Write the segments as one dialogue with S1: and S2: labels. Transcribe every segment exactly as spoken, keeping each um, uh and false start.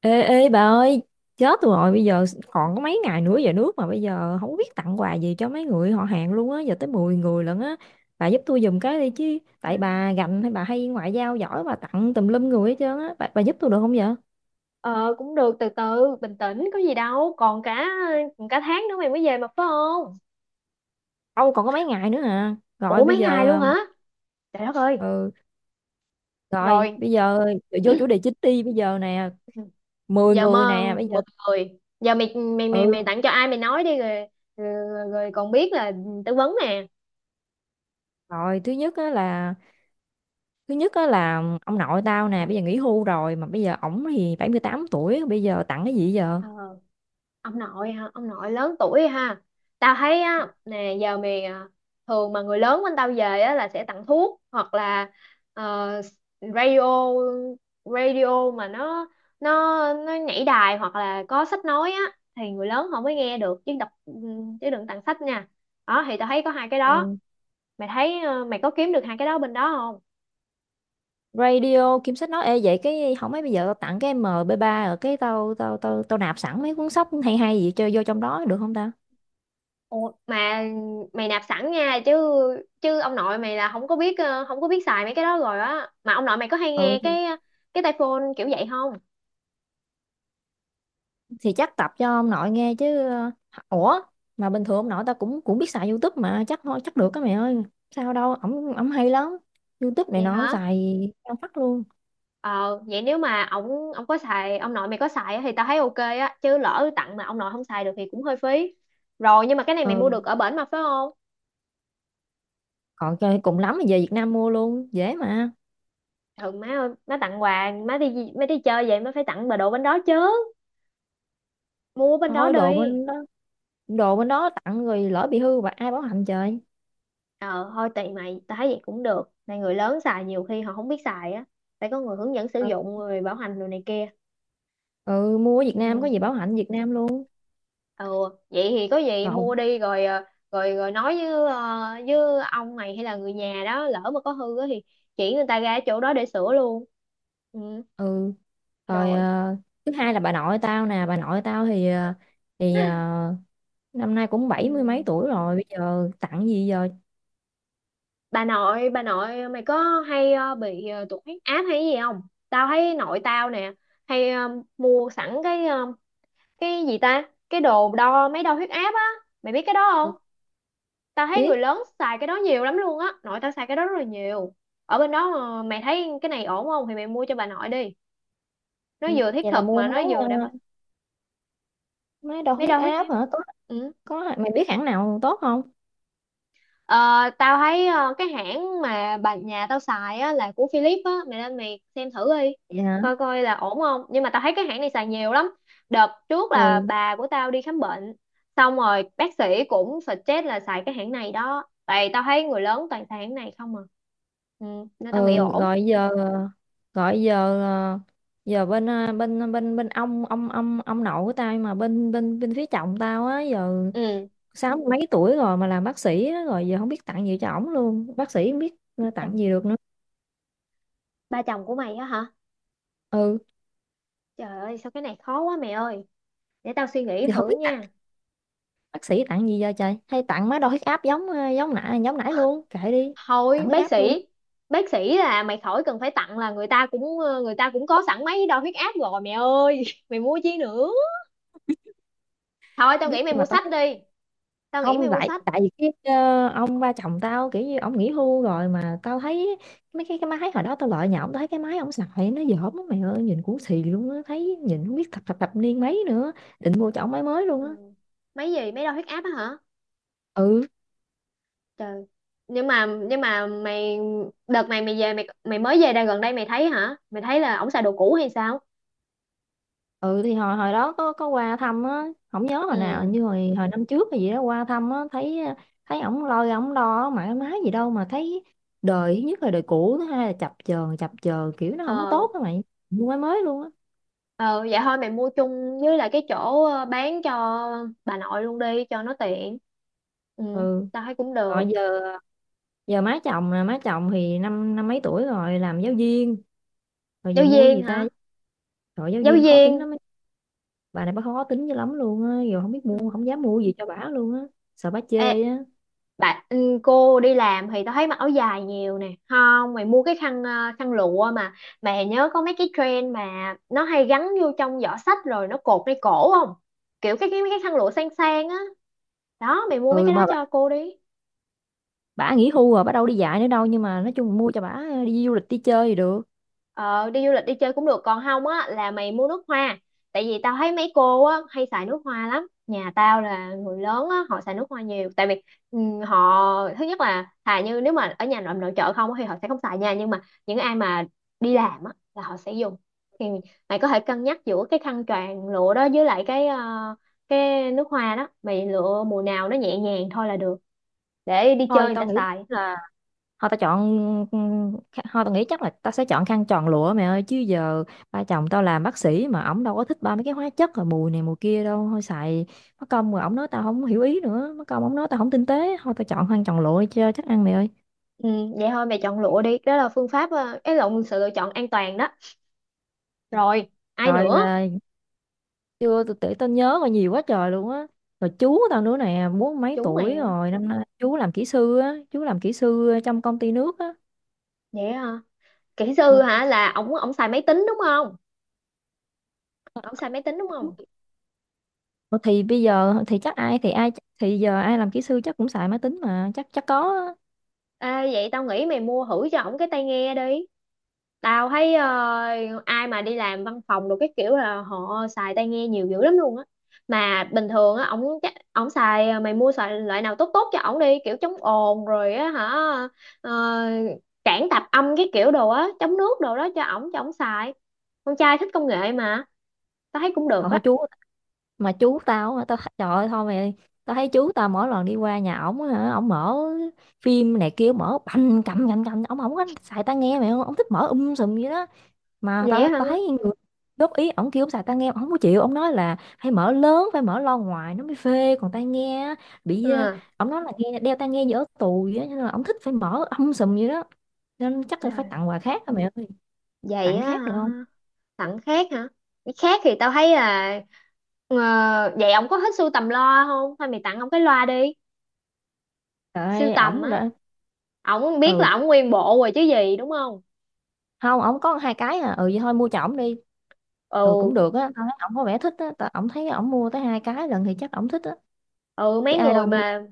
S1: Ê, ê bà ơi, chết rồi bây giờ, còn có mấy ngày nữa về nước mà bây giờ không biết tặng quà gì cho mấy người họ hàng luôn á, giờ tới mười người lận á. Bà giúp tôi giùm cái đi chứ, tại
S2: À.
S1: bà gành hay bà hay ngoại giao giỏi, bà tặng tùm lum người hết trơn á. Bà, bà giúp tôi được không vậy?
S2: ờ Cũng được, từ từ bình tĩnh có gì đâu, còn cả còn cả tháng nữa mày mới về mà phải không?
S1: Âu còn có mấy ngày nữa à. Rồi
S2: Ủa,
S1: bây
S2: mấy ngày luôn
S1: giờ
S2: hả? Trời đất ơi.
S1: ừ, rồi
S2: Rồi
S1: bây giờ vô chủ đề chính đi. Bây giờ nè, mười
S2: giờ
S1: người
S2: mà
S1: nè bây
S2: mười
S1: giờ.
S2: người giờ mày mày mày mày
S1: Ừ.
S2: tặng cho ai mày nói đi rồi. Rồi, rồi còn biết là tư vấn nè.
S1: Rồi thứ nhất á là thứ nhất á là ông nội tao nè, bây giờ nghỉ hưu rồi, mà bây giờ ổng thì bảy mươi tám tuổi, bây giờ tặng cái gì giờ?
S2: Ờ, ông nội hả? Ông nội lớn tuổi ha. Tao thấy á nè, giờ mày à, thường mà người lớn bên tao về á là sẽ tặng thuốc hoặc là ờ, radio. Radio mà nó nó nó nhảy đài, hoặc là có sách nói á, thì người lớn họ mới nghe được, chứ đọc chứ đừng tặng sách nha. Đó, thì tao thấy có hai cái đó.
S1: Ừ.
S2: Mày thấy ờ, mày có kiếm được hai cái đó bên đó không?
S1: Radio Kim Sách nói, ê vậy cái không mấy, bây giờ tao tặng cái em pê ba, ở cái tao tao tao tao nạp sẵn mấy cuốn sách hay hay gì chơi vô trong đó được không ta?
S2: Ủa, mà mày nạp sẵn nha, chứ chứ ông nội mày là không có biết ờ, không có biết xài mấy cái đó rồi á. Mà ông nội mày có hay nghe
S1: Ừ thì,
S2: cái cái tai phone kiểu vậy không?
S1: thì chắc tập cho ông nội nghe chứ, ờ, ủa mà bình thường ông nội tao cũng cũng biết xài YouTube mà, chắc thôi chắc được cái mẹ ơi. Sao đâu, ổng ổng hay lắm. YouTube này
S2: Vậy
S1: nó ổng
S2: hả?
S1: xài cao phát luôn.
S2: Ờ, vậy nếu mà ông ông có xài, ông nội mày có xài á, thì tao thấy ok á, chứ lỡ tặng mà ông nội không xài được thì cũng hơi phí. Rồi nhưng mà cái này mày mua được
S1: Ừ,
S2: ở bển mà phải không?
S1: còn chơi cùng lắm thì về Việt Nam mua luôn, dễ mà.
S2: Thường má ơi, má tặng quà, má đi má đi chơi vậy má phải tặng bà đồ bên đó chứ, mua bên đó
S1: Thôi đồ
S2: đi.
S1: bên đó, đồ bên đó tặng rồi lỡ bị hư và ai bảo hành trời.
S2: Ờ thôi tùy mày, tao thấy vậy cũng được, này người lớn xài nhiều khi họ không biết xài á, phải có người hướng dẫn sử dụng, người bảo hành đồ này kia.
S1: Ừ, mua ở Việt Nam có gì
S2: Ừ.
S1: bảo hành Việt Nam luôn.
S2: Ừ, vậy thì có gì
S1: Lộn.
S2: mua đi rồi ờ, rồi rồi nói với ờ, với ông mày hay là người nhà đó, lỡ mà có hư á thì chỉ người ta ra ở chỗ đó để sửa luôn. Ừ.
S1: Ừ. Rồi
S2: Rồi.
S1: ờ, thứ hai là bà nội tao nè. Bà nội tao thì ờ, thì ờ, năm nay cũng
S2: Ừ.
S1: bảy mươi mấy tuổi rồi, bây giờ tặng gì giờ?
S2: Bà nội, bà nội mày có hay ờ, bị ờ, tụt huyết áp hay gì không? Tao thấy nội tao nè hay ờ, mua sẵn cái ờ, cái gì ta, cái đồ đo mấy đo huyết áp á, mày biết cái đó không?
S1: Tôi
S2: Tao thấy người
S1: biết.
S2: lớn xài cái đó nhiều lắm luôn á, nội tao xài cái đó rất là nhiều. Ở bên đó ờ, mày thấy cái này ổn không thì mày mua cho bà nội đi, nó
S1: Ừ,
S2: vừa thiết
S1: vậy là
S2: thực
S1: mua
S2: mà nó
S1: máy, ờ,
S2: vừa đảm bảo.
S1: máy đo
S2: Mấy
S1: huyết
S2: đo huyết
S1: áp
S2: áp.
S1: hả? Tốt.
S2: Ừ.
S1: Có, mày biết hãng nào tốt không?
S2: Ờ, tao thấy ờ, cái hãng mà bà nhà tao xài á, là của Philips á, mày lên mày xem thử đi,
S1: Vậy hả?
S2: coi coi là ổn không. Nhưng mà tao thấy cái hãng này xài nhiều lắm. Đợt trước là
S1: Ừ.
S2: bà của tao đi khám bệnh, xong rồi bác sĩ cũng suggest là xài cái hãng này đó. Tại tao thấy người lớn toàn xài hãng này không à, ừ, nên tao nghĩ
S1: ừ
S2: ổn.
S1: gọi giờ gọi giờ ờ, Giờ bên, ờ, bên bên bên ông ông ông ông nội của tao, nhưng mà bên bên bên phía chồng tao á, giờ
S2: Ừ,
S1: sáu mươi mấy tuổi rồi mà làm bác sĩ á, rồi giờ không biết tặng gì cho ổng luôn. Bác sĩ, không biết
S2: ba
S1: ờ, tặng
S2: chồng,
S1: gì được nữa.
S2: ba chồng của mày á hả?
S1: Ừ,
S2: Trời ơi, sao cái này khó quá mày ơi, để tao suy nghĩ
S1: giờ không
S2: thử
S1: biết tặng.
S2: nha.
S1: Bác sĩ tặng gì giờ trời, hay tặng má đo huyết áp giống ờ, giống nãy giống nãy luôn, kệ đi. Tặng
S2: Thôi
S1: huyết
S2: bác
S1: áp luôn.
S2: sĩ. Bác sĩ là mày khỏi cần phải tặng, là người ta cũng ờ, người ta cũng có sẵn máy đo huyết áp rồi mẹ ơi mày mua chi nữa. Thôi
S1: Không
S2: tao
S1: biết
S2: nghĩ mày
S1: nhưng mà
S2: mua
S1: tao
S2: sách
S1: thích.
S2: đi. Tao nghĩ
S1: Không,
S2: mày mua
S1: tại
S2: sách.
S1: tại vì cái ờ, ông ba chồng tao, kiểu như ông nghỉ hưu rồi mà tao thấy mấy cái cái máy hồi đó tao lợi nhà ổng, tao thấy cái máy ông xài nó dởm lắm mày ơi, nhìn cũng xì luôn á, thấy nhìn không biết thập thập thập niên mấy nữa. Định mua cho ổng máy mới luôn
S2: Ừ.
S1: á.
S2: Máy gì, máy đo huyết áp á hả?
S1: Ừ.
S2: Trời. Nhưng mà nhưng mà mày, đợt này mày về, mày mày mới về đây gần đây mày thấy hả? Mày thấy là ổng xài đồ cũ hay sao?
S1: ừ thì hồi hồi đó có có qua thăm á, không nhớ hồi nào,
S2: Ừ.
S1: như hồi hồi năm trước hay gì đó qua thăm á, thấy, thấy ổng lôi ổng đo mãi má gì đâu mà thấy, đời thứ nhất là đời cũ, thứ hai là chập chờn chập chờn kiểu nó không có
S2: Ờ.
S1: tốt á mày. Mua máy mới luôn á.
S2: Ờ vậy thôi mày mua chung với lại cái chỗ ờ, bán cho bà nội luôn đi cho nó tiện. Ừ,
S1: Ừ.
S2: tao thấy cũng được.
S1: Rồi giờ, giờ má chồng, là má chồng thì năm năm mấy tuổi rồi, làm giáo viên. Rồi
S2: Giáo
S1: giờ mua
S2: viên
S1: gì ta?
S2: hả?
S1: Rồi giáo
S2: Giáo
S1: viên khó tính
S2: viên.
S1: lắm ấy. Bà này bà khó tính dữ lắm luôn á, rồi không biết
S2: Ừ.
S1: mua, không dám mua gì cho bả luôn á, sợ bả
S2: Ê,
S1: chê á.
S2: bạn, ừ, cô đi làm thì tao thấy mặc áo dài nhiều nè, không mày mua cái khăn ờ, khăn lụa mà, mày nhớ có mấy cái trend mà nó hay gắn vô trong giỏ xách rồi nó cột ngay cổ không, kiểu cái cái mấy cái khăn lụa sang sang á, đó mày mua mấy
S1: Ừ
S2: cái đó
S1: mà
S2: cho cô đi.
S1: bả nghỉ hưu rồi, bả đâu đi dạy nữa đâu, nhưng mà nói chung mua cho bả đi du lịch đi chơi thì được.
S2: Ờ, đi du lịch đi chơi cũng được, còn không á là mày mua nước hoa, tại vì tao thấy mấy cô á hay xài nước hoa lắm, nhà tao là người lớn á họ xài nước hoa nhiều, tại vì ừ, họ thứ nhất là thà như nếu mà ở nhà nội nội trợ không á thì họ sẽ không xài nha, nhưng mà những ai mà đi làm á là họ sẽ dùng, thì mày có thể cân nhắc giữa cái khăn choàng lụa đó với lại cái ờ, cái nước hoa đó, mày lựa mùa nào nó nhẹ nhàng thôi là được, để đi chơi
S1: Thôi
S2: người
S1: tao
S2: ta
S1: nghĩ
S2: xài.
S1: là thôi tao chọn thôi tao nghĩ chắc là tao sẽ chọn khăn tròn lụa mẹ ơi. Chứ giờ ba chồng tao làm bác sĩ mà, ổng đâu có thích ba mấy cái hóa chất rồi mùi này mùi kia đâu. Thôi xài mất công rồi ổng nói tao không hiểu ý, nữa mất công ổng nói tao không tinh tế. Thôi tao chọn khăn tròn lụa đi cho chắc ăn mẹ ơi.
S2: Ừ, vậy thôi mày chọn lụa đi, đó là phương pháp ờ, cái lộn, sự lựa chọn an toàn đó. Rồi, ai
S1: Rồi
S2: nữa?
S1: là, chưa tôi tự tao nhớ rồi, nhiều quá trời luôn á. Rồi chú tao nữa nè, bốn mấy
S2: Chú mày
S1: tuổi
S2: hả?
S1: rồi, năm nay chú làm kỹ sư á, chú làm kỹ sư trong công ty nước á.
S2: Vậy hả? Kỹ sư
S1: Ừ.
S2: hả, là ổng, ổng xài máy tính đúng không? Ổng xài máy tính đúng không?
S1: Ủa thì bây giờ thì chắc ai thì ai, thì giờ ai làm kỹ sư chắc cũng xài máy tính mà, chắc chắc có á.
S2: Ê, vậy tao nghĩ mày mua thử cho ổng cái tai nghe đi. Tao thấy ờ, ai mà đi làm văn phòng đồ cái kiểu là họ xài tai nghe nhiều dữ lắm luôn á. Mà bình thường á ổng chắc ổng xài, mày mua xài loại nào tốt tốt cho ổng đi, kiểu chống ồn rồi á hả? Ờ, cản tạp âm cái kiểu đồ á, chống nước đồ đó cho ổng, cho ổng xài. Con trai thích công nghệ mà, tao thấy cũng
S1: Họ
S2: được
S1: họ
S2: á.
S1: chú mà, chú tao á, tao th- trời ơi thôi mày, tao thấy chú tao mỗi lần đi qua nhà ổng á hả, ổng mở phim này kia mở bành cầm cầm cầm, ổng không có xài tai nghe mày, ổng thích mở um sùm vậy đó. Mà
S2: Vậy
S1: tao
S2: hả?
S1: tao thấy người góp ý ổng, kêu ổng xài tai nghe ổng không có chịu, ổng nói là phải mở lớn, phải mở loa ngoài nó mới phê, còn tai nghe á, bị ờ,
S2: À,
S1: ổng nói là nghe đeo tai nghe dở tù vậy á, nên là ổng thích phải mở um sùm vậy đó. Nên chắc
S2: trời
S1: là phải
S2: ơi,
S1: tặng quà khác rồi mày ơi.
S2: vậy
S1: Tặng
S2: á
S1: khác được không?
S2: hả? Tặng khác hả, cái khác thì tao thấy là ờ, vậy ông có thích sưu tầm loa không, thôi mày tặng ông cái loa đi.
S1: Trời
S2: Sưu
S1: ơi
S2: tầm
S1: ổng
S2: á,
S1: đã.
S2: ổng biết
S1: Ừ,
S2: là ổng nguyên bộ rồi chứ gì đúng không?
S1: không ổng có hai cái à. Ừ vậy thôi mua cho ổng đi. Ừ cũng
S2: Ừ.
S1: được á, tao thấy ổng có vẻ thích á, tao ổng thấy ổng mua tới hai cái lần thì chắc ổng thích á,
S2: Ừ,
S1: chứ
S2: mấy
S1: ai đâu
S2: người
S1: mua tới—
S2: mà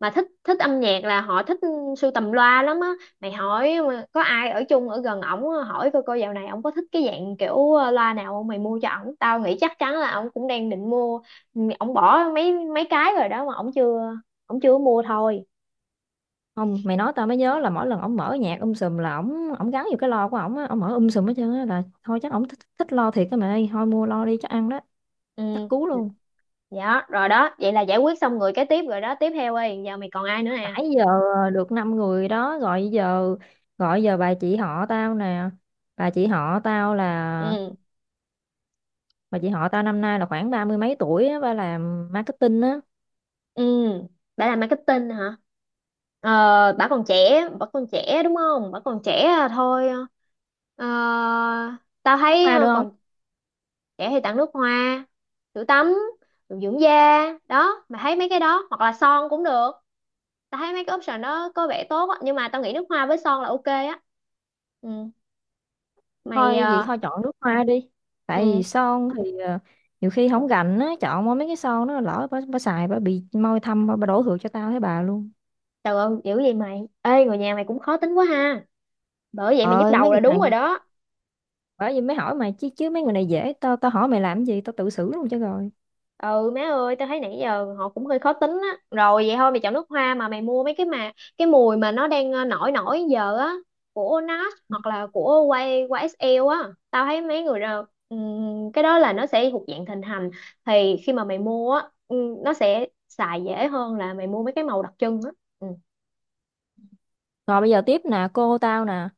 S2: mà thích thích âm nhạc là họ thích sưu tầm loa lắm á, mày hỏi mà có ai ở chung ở gần ổng á, hỏi coi coi dạo này ổng có thích cái dạng kiểu ờ, loa nào không, mày mua cho ổng tao nghĩ chắc chắn là ổng cũng đang định mua. Ừ, ổng bỏ mấy mấy cái rồi đó mà ổng chưa, ổng chưa mua thôi.
S1: Không, mày nói tao mới nhớ là mỗi lần ổng mở nhạc um sùm là ổng ổng gắn vô cái lo của ổng á, ổng mở um sùm hết trơn á, là thôi chắc ổng thích, thích lo thiệt á mày ơi. Thôi mua lo đi chắc ăn đó, chắc
S2: Ừ.
S1: cú luôn.
S2: Dạ rồi đó, vậy là giải quyết xong người cái tiếp rồi đó, tiếp theo ơi giờ mày còn ai nữa nè?
S1: Nãy giờ được năm người đó. Gọi giờ gọi giờ bà chị họ tao nè. Bà chị họ tao là
S2: Ừ.
S1: bà chị họ tao năm nay là khoảng ba mươi mấy tuổi á, ba làm marketing á.
S2: Ừ, bà làm marketing hả? Ờ, bà còn trẻ, bà còn trẻ đúng không? Bà còn trẻ à, thôi. Ờ, tao
S1: Biết
S2: thấy
S1: ma
S2: ờ,
S1: được.
S2: còn trẻ thì tặng nước hoa, sữa tắm, đồ dưỡng da, đó, mày thấy mấy cái đó hoặc là son cũng được. Tao thấy mấy cái option đó có vẻ tốt á, nhưng mà tao nghĩ nước hoa với son là ok á. Ừ, mày
S1: Thôi vậy
S2: ờ,
S1: thôi chọn nước hoa đi. Tại vì
S2: ừ,
S1: son thì ờ, nhiều khi không gành á, chọn mua mấy cái son nó lỡ bà, bà xài bà bị môi thâm, bà, bà đổ thừa cho tao thấy bà luôn.
S2: trời ơi, dữ vậy mày. Ê, người nhà mày cũng khó tính quá ha. Bởi vậy
S1: Trời
S2: mày nhức
S1: ơi mấy
S2: đầu là
S1: người
S2: đúng
S1: này,
S2: rồi đó.
S1: bởi vì mới hỏi mày chứ chứ mấy người này dễ, tao tao hỏi mày làm gì, tao tự xử luôn cho rồi.
S2: Ừ má ơi, tao thấy nãy giờ họ cũng hơi khó tính á, rồi vậy thôi mày chọn nước hoa, mà mày mua mấy cái mà cái mùi mà nó đang ờ, nổi nổi giờ á, của NARS hoặc là của quay qua ét eo á, tao thấy mấy người đó, ừm, cái đó là nó sẽ thuộc dạng thịnh hành, thì khi mà mày mua á ừm, nó sẽ xài dễ hơn là mày mua mấy cái màu đặc trưng á. Ừ.
S1: Rồi bây giờ tiếp nè, cô tao nè.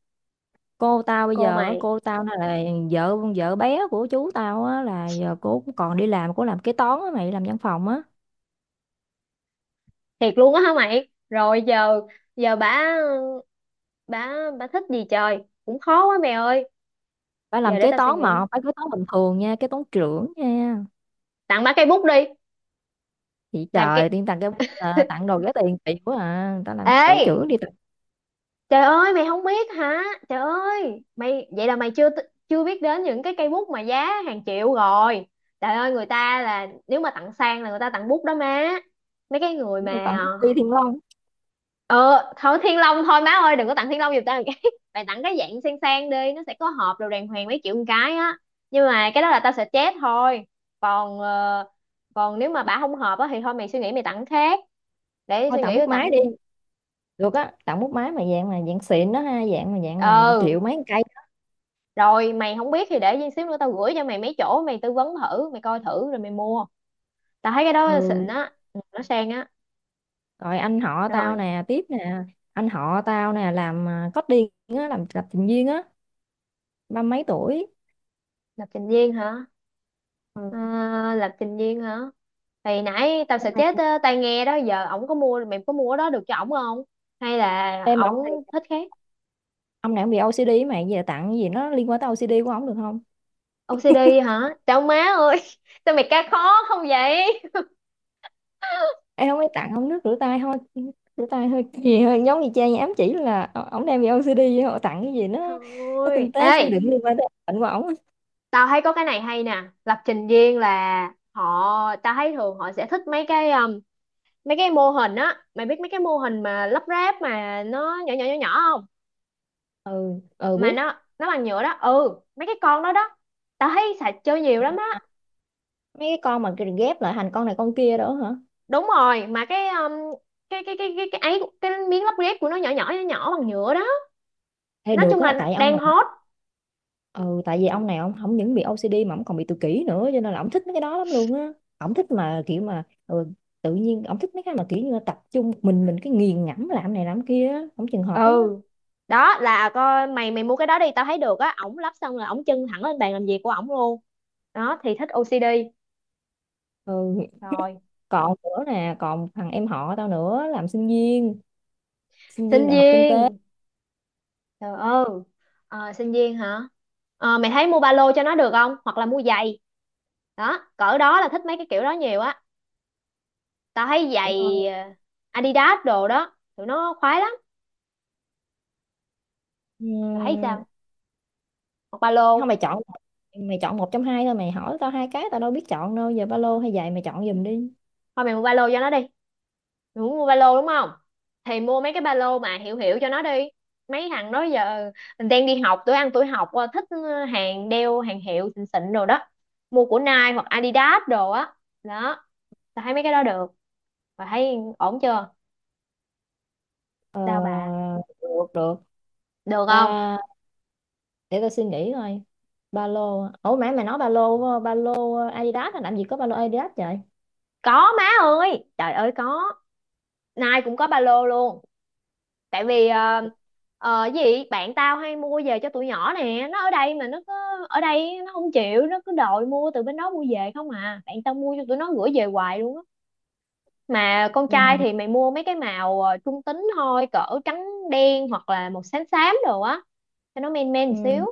S1: Cô tao bây
S2: Cô
S1: giờ á,
S2: mày,
S1: cô tao nè là vợ vợ bé của chú tao á, là giờ cô cũng còn đi làm, cô làm kế toán á mày, làm văn phòng á.
S2: thiệt luôn á hả mày, rồi giờ giờ bả bả bả thích gì trời, cũng khó quá mày ơi.
S1: Phải làm
S2: Giờ để
S1: kế
S2: tao suy
S1: toán mà
S2: nghĩ,
S1: không phải kế toán bình thường nha, kế toán trưởng nha.
S2: tặng bả cây bút đi.
S1: Chị
S2: Làm
S1: trời
S2: cây.
S1: tiên tặng cái, à tặng đồ rẻ tiền chị quá, à tao làm cái
S2: Ê,
S1: tốn chữ đi tặng.
S2: trời ơi mày không biết hả? Trời ơi, mày vậy là mày chưa t- chưa biết đến những cái cây bút mà giá hàng triệu rồi. Trời ơi, người ta là nếu mà tặng sang là người ta tặng bút đó má. Mấy cái người
S1: Tặng
S2: mà
S1: bút bi Thiên Long.
S2: ờ thôi Thiên Long thôi má ơi, đừng có tặng Thiên Long giùm tao một cái. Mày tặng cái dạng sang sang đi, nó sẽ có hộp đồ đàng hoàng mấy triệu một cái á. Nhưng mà cái đó là tao sẽ chết thôi. Còn ờ, còn nếu mà bả không hợp á thì thôi mày suy nghĩ mày tặng khác. Để
S1: Thôi
S2: suy
S1: tặng
S2: nghĩ
S1: bút
S2: tao
S1: máy đi.
S2: tặng.
S1: Được á, tặng bút máy mà dạng mà dạng xịn đó ha, dạng mà dạng mà
S2: Ừ,
S1: triệu mấy con cây.
S2: rồi mày không biết thì để gì xíu nữa tao gửi cho mày mấy chỗ mày tư vấn thử, mày coi thử rồi mày mua. Tao thấy cái đó xịn
S1: Ừ.
S2: á, ừ, nó sang á.
S1: Rồi anh họ tao
S2: Rồi,
S1: nè tiếp nè. Anh họ tao nè làm, à, coding á, làm lập trình viên á, ba mấy tuổi.
S2: lập trình viên hả? Ờ,
S1: Ừ.
S2: lập trình viên hả? Thì nãy tao
S1: Ông
S2: sẽ
S1: này
S2: chết, ờ, tai nghe đó giờ ổng có mua, mày có mua cái đó được cho ổng không, hay là
S1: em mà ông này,
S2: ổng thích khác?
S1: ông này ông bị âu xi đi mà, giờ tặng cái gì nó liên quan tới âu xi đi của ông được không?
S2: ô xê đê hả? Chào má ơi. Sao mày ca khó không vậy?
S1: Em không, ấy tặng ông nước rửa tay thôi. Rửa tay hơi gì, hơi giống như cha nhà ám chỉ là ổ- ổng đem về o xê đê, vậy họ tặng cái gì nó nó
S2: Thôi,
S1: tinh tế siêu
S2: ê,
S1: đỉnh liên quan tới bệnh của ổng á.
S2: tao thấy có cái này hay nè, lập trình viên là họ, tao thấy thường họ sẽ thích mấy cái um, mấy cái mô hình á, mày biết mấy cái mô hình mà lắp ráp mà nó nhỏ nhỏ nhỏ nhỏ không?
S1: ừ ừ
S2: Mà
S1: biết.
S2: nó nó bằng nhựa đó, ừ, mấy cái con đó đó, tao thấy xài chơi nhiều lắm á.
S1: Mấy cái con mà cái ghép lại thành con này con kia đó hả?
S2: Đúng rồi, mà cái um, cái cái cái cái cái ấy cái miếng lắp ghép của nó nhỏ nhỏ nhỏ nhỏ bằng nhựa đó.
S1: Hay
S2: Nói
S1: được
S2: chung
S1: á,
S2: là
S1: tại ông
S2: đang
S1: này.
S2: hot.
S1: Ừ tại vì ông này, ông không những bị âu xi đi mà ông còn bị tự kỷ nữa, cho nên là ông thích mấy cái đó lắm luôn á. Ông thích mà kiểu mà ừ, tự nhiên ông thích mấy cái mà kiểu như là tập trung một mình mình cái nghiền ngẫm làm này làm kia á, ông trường hợp lắm á.
S2: Ừ, đó là coi, mày mày mua cái đó đi, tao thấy được á. Ổng lắp xong là ổng chân thẳng lên bàn làm việc của ổng luôn. Đó thì thích ô xê đê.
S1: Ừ.
S2: Rồi,
S1: Còn nữa nè, còn thằng em họ tao nữa, làm sinh viên, sinh viên
S2: sinh
S1: đại học kinh tế.
S2: viên. Trời ơi, ờ, sinh viên hả? Ờ, mày thấy mua ba lô cho nó được không? Hoặc là mua giày. Đó, cỡ đó là thích mấy cái kiểu đó nhiều á. Tao thấy
S1: Vậy
S2: giày,
S1: thôi.
S2: ờ, Adidas đồ đó, tụi nó khoái lắm. Rồi thấy
S1: Ừm,
S2: sao? Hoặc ba
S1: không
S2: lô.
S1: mày chọn, mày chọn một trong hai thôi, mày hỏi tao hai cái tao đâu biết chọn đâu giờ, ba lô hay giày mày chọn giùm đi.
S2: Thôi mày mua ba lô cho nó đi. Mày muốn mua ba lô đúng không? Thì mua mấy cái ba lô mà hiệu hiệu cho nó đi. Mấy thằng đó giờ mình đang đi học, tuổi ăn tuổi học, ờ, thích ờ, hàng đeo hàng hiệu xịn xịn đồ đó. Mua của Nike hoặc Adidas đồ á. Đó, tao thấy mấy cái đó được. Và thấy ổn chưa?
S1: ờ,
S2: Sao bà?
S1: được được
S2: Được không?
S1: ta, để tao suy nghĩ coi. Ba lô, ủa mày mày nói ba lô, ba lô Adidas hả? Làm gì có ba lô Adidas vậy?
S2: Có má ơi, trời ơi có. Nai cũng có ba lô luôn. Tại vì ờ, ờ, cái gì bạn tao hay mua về cho tụi nhỏ nè, nó ở đây mà nó cứ ở đây nó không chịu, nó cứ đòi mua từ bên đó mua về không à. Bạn tao mua cho tụi nó gửi về hoài luôn á. Mà con trai
S1: Ừ,
S2: thì mày mua mấy cái màu ờ, trung tính thôi, cỡ trắng đen hoặc là màu xám xám đồ á, cho nó men men một xíu.
S1: ừ,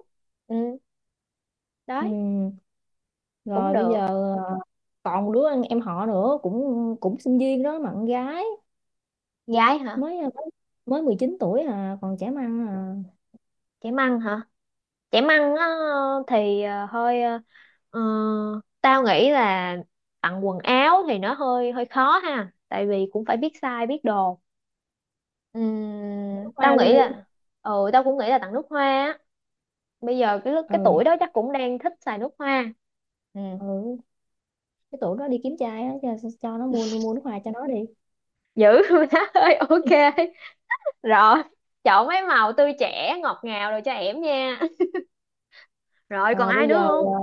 S2: Ừ,
S1: ừ.
S2: đấy, cũng
S1: Rồi bây
S2: được.
S1: giờ ờ, còn đứa em em họ nữa, cũng cũng sinh viên đó, mà con gái,
S2: Gái hả?
S1: mới mới mười chín tuổi à, còn trẻ măng à.
S2: Trẻ măng hả? Chẻ măng á. Thì ờ, hơi ờ, ờ, tao nghĩ là tặng quần áo thì nó hơi hơi khó ha, tại vì cũng phải biết size biết đồ.
S1: Nước
S2: Ừm, tao
S1: hoa luôn
S2: nghĩ
S1: đi.
S2: là ừ, tao cũng nghĩ là tặng nước hoa á. Bây giờ cái lúc- cái
S1: Ừ.
S2: tuổi đó chắc cũng đang thích xài nước hoa. Ừ,
S1: Ừ, cái tụi nó đi kiếm trai á, cho, cho nó mua mua nước hoa cho nó đi.
S2: dữ má ơi, ok. Rồi, chọn mấy màu tươi trẻ ngọt ngào rồi cho em nha. Rồi còn
S1: Ờ,
S2: ai
S1: bây
S2: nữa
S1: giờ ờ,
S2: không?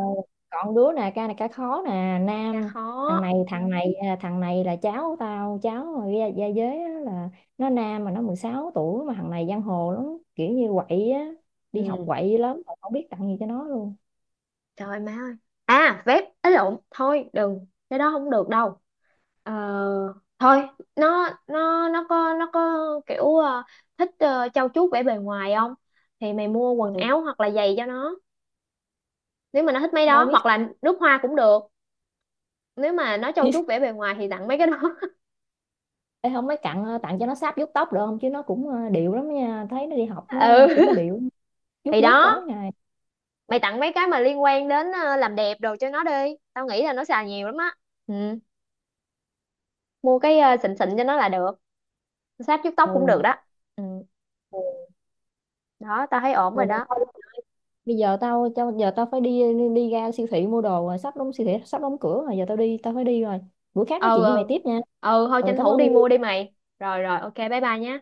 S1: còn đứa nè ca này ca khó nè,
S2: Cha
S1: nam.
S2: khó.
S1: Thằng này thằng này à, thằng này là cháu tao, cháu mà gia, gia giới á, là nó nam mà nó mười sáu tuổi mà, thằng này giang hồ lắm, kiểu như quậy á, đi học
S2: Ừ.
S1: quậy lắm mà không biết tặng gì cho nó luôn.
S2: Trời ơi má ơi. À vép ấy lộn, thôi đừng, cái đó không được đâu. Ờ, thôi, nó nó nó có nó có kiểu ờ, thích ờ, trau chuốt vẻ bề ngoài không? Thì mày mua quần
S1: Ừ,
S2: áo hoặc là giày cho nó, nếu mà nó thích mấy
S1: đâu
S2: đó,
S1: biết.
S2: hoặc là nước hoa cũng được. Nếu mà nó trau chuốt vẻ bề ngoài thì tặng mấy cái đó.
S1: Ê, không mấy cặn, ờ, tặng cho nó sáp vuốt tóc được không, chứ nó cũng ờ, điệu lắm nha, thấy nó đi học nó
S2: Ừ,
S1: cũng điệu, vuốt
S2: thì
S1: vuốt
S2: đó,
S1: tối ngày.
S2: mày tặng mấy cái mà liên quan đến ờ, làm đẹp đồ cho nó đi, tao nghĩ là nó xài nhiều lắm á. Ừ, mua cái ờ, xịn xịn cho nó là được. Sáp vuốt tóc cũng được
S1: Ừ.
S2: đó. Ừ.
S1: Ừ.
S2: Đó, tao thấy ổn
S1: ừ.
S2: rồi đó.
S1: Bây giờ tao tao giờ tao phải đi, đi ra siêu thị mua đồ rồi, sắp đóng siêu thị sắp đóng cửa rồi, giờ tao đi tao phải đi rồi. Bữa khác nói
S2: Ừ
S1: chuyện với mày
S2: ừ.
S1: tiếp nha.
S2: Ừ thôi,
S1: Ừ
S2: tranh
S1: cảm
S2: thủ
S1: ơn.
S2: đi mua đi mày. Rồi rồi, ok, bye bye nhé.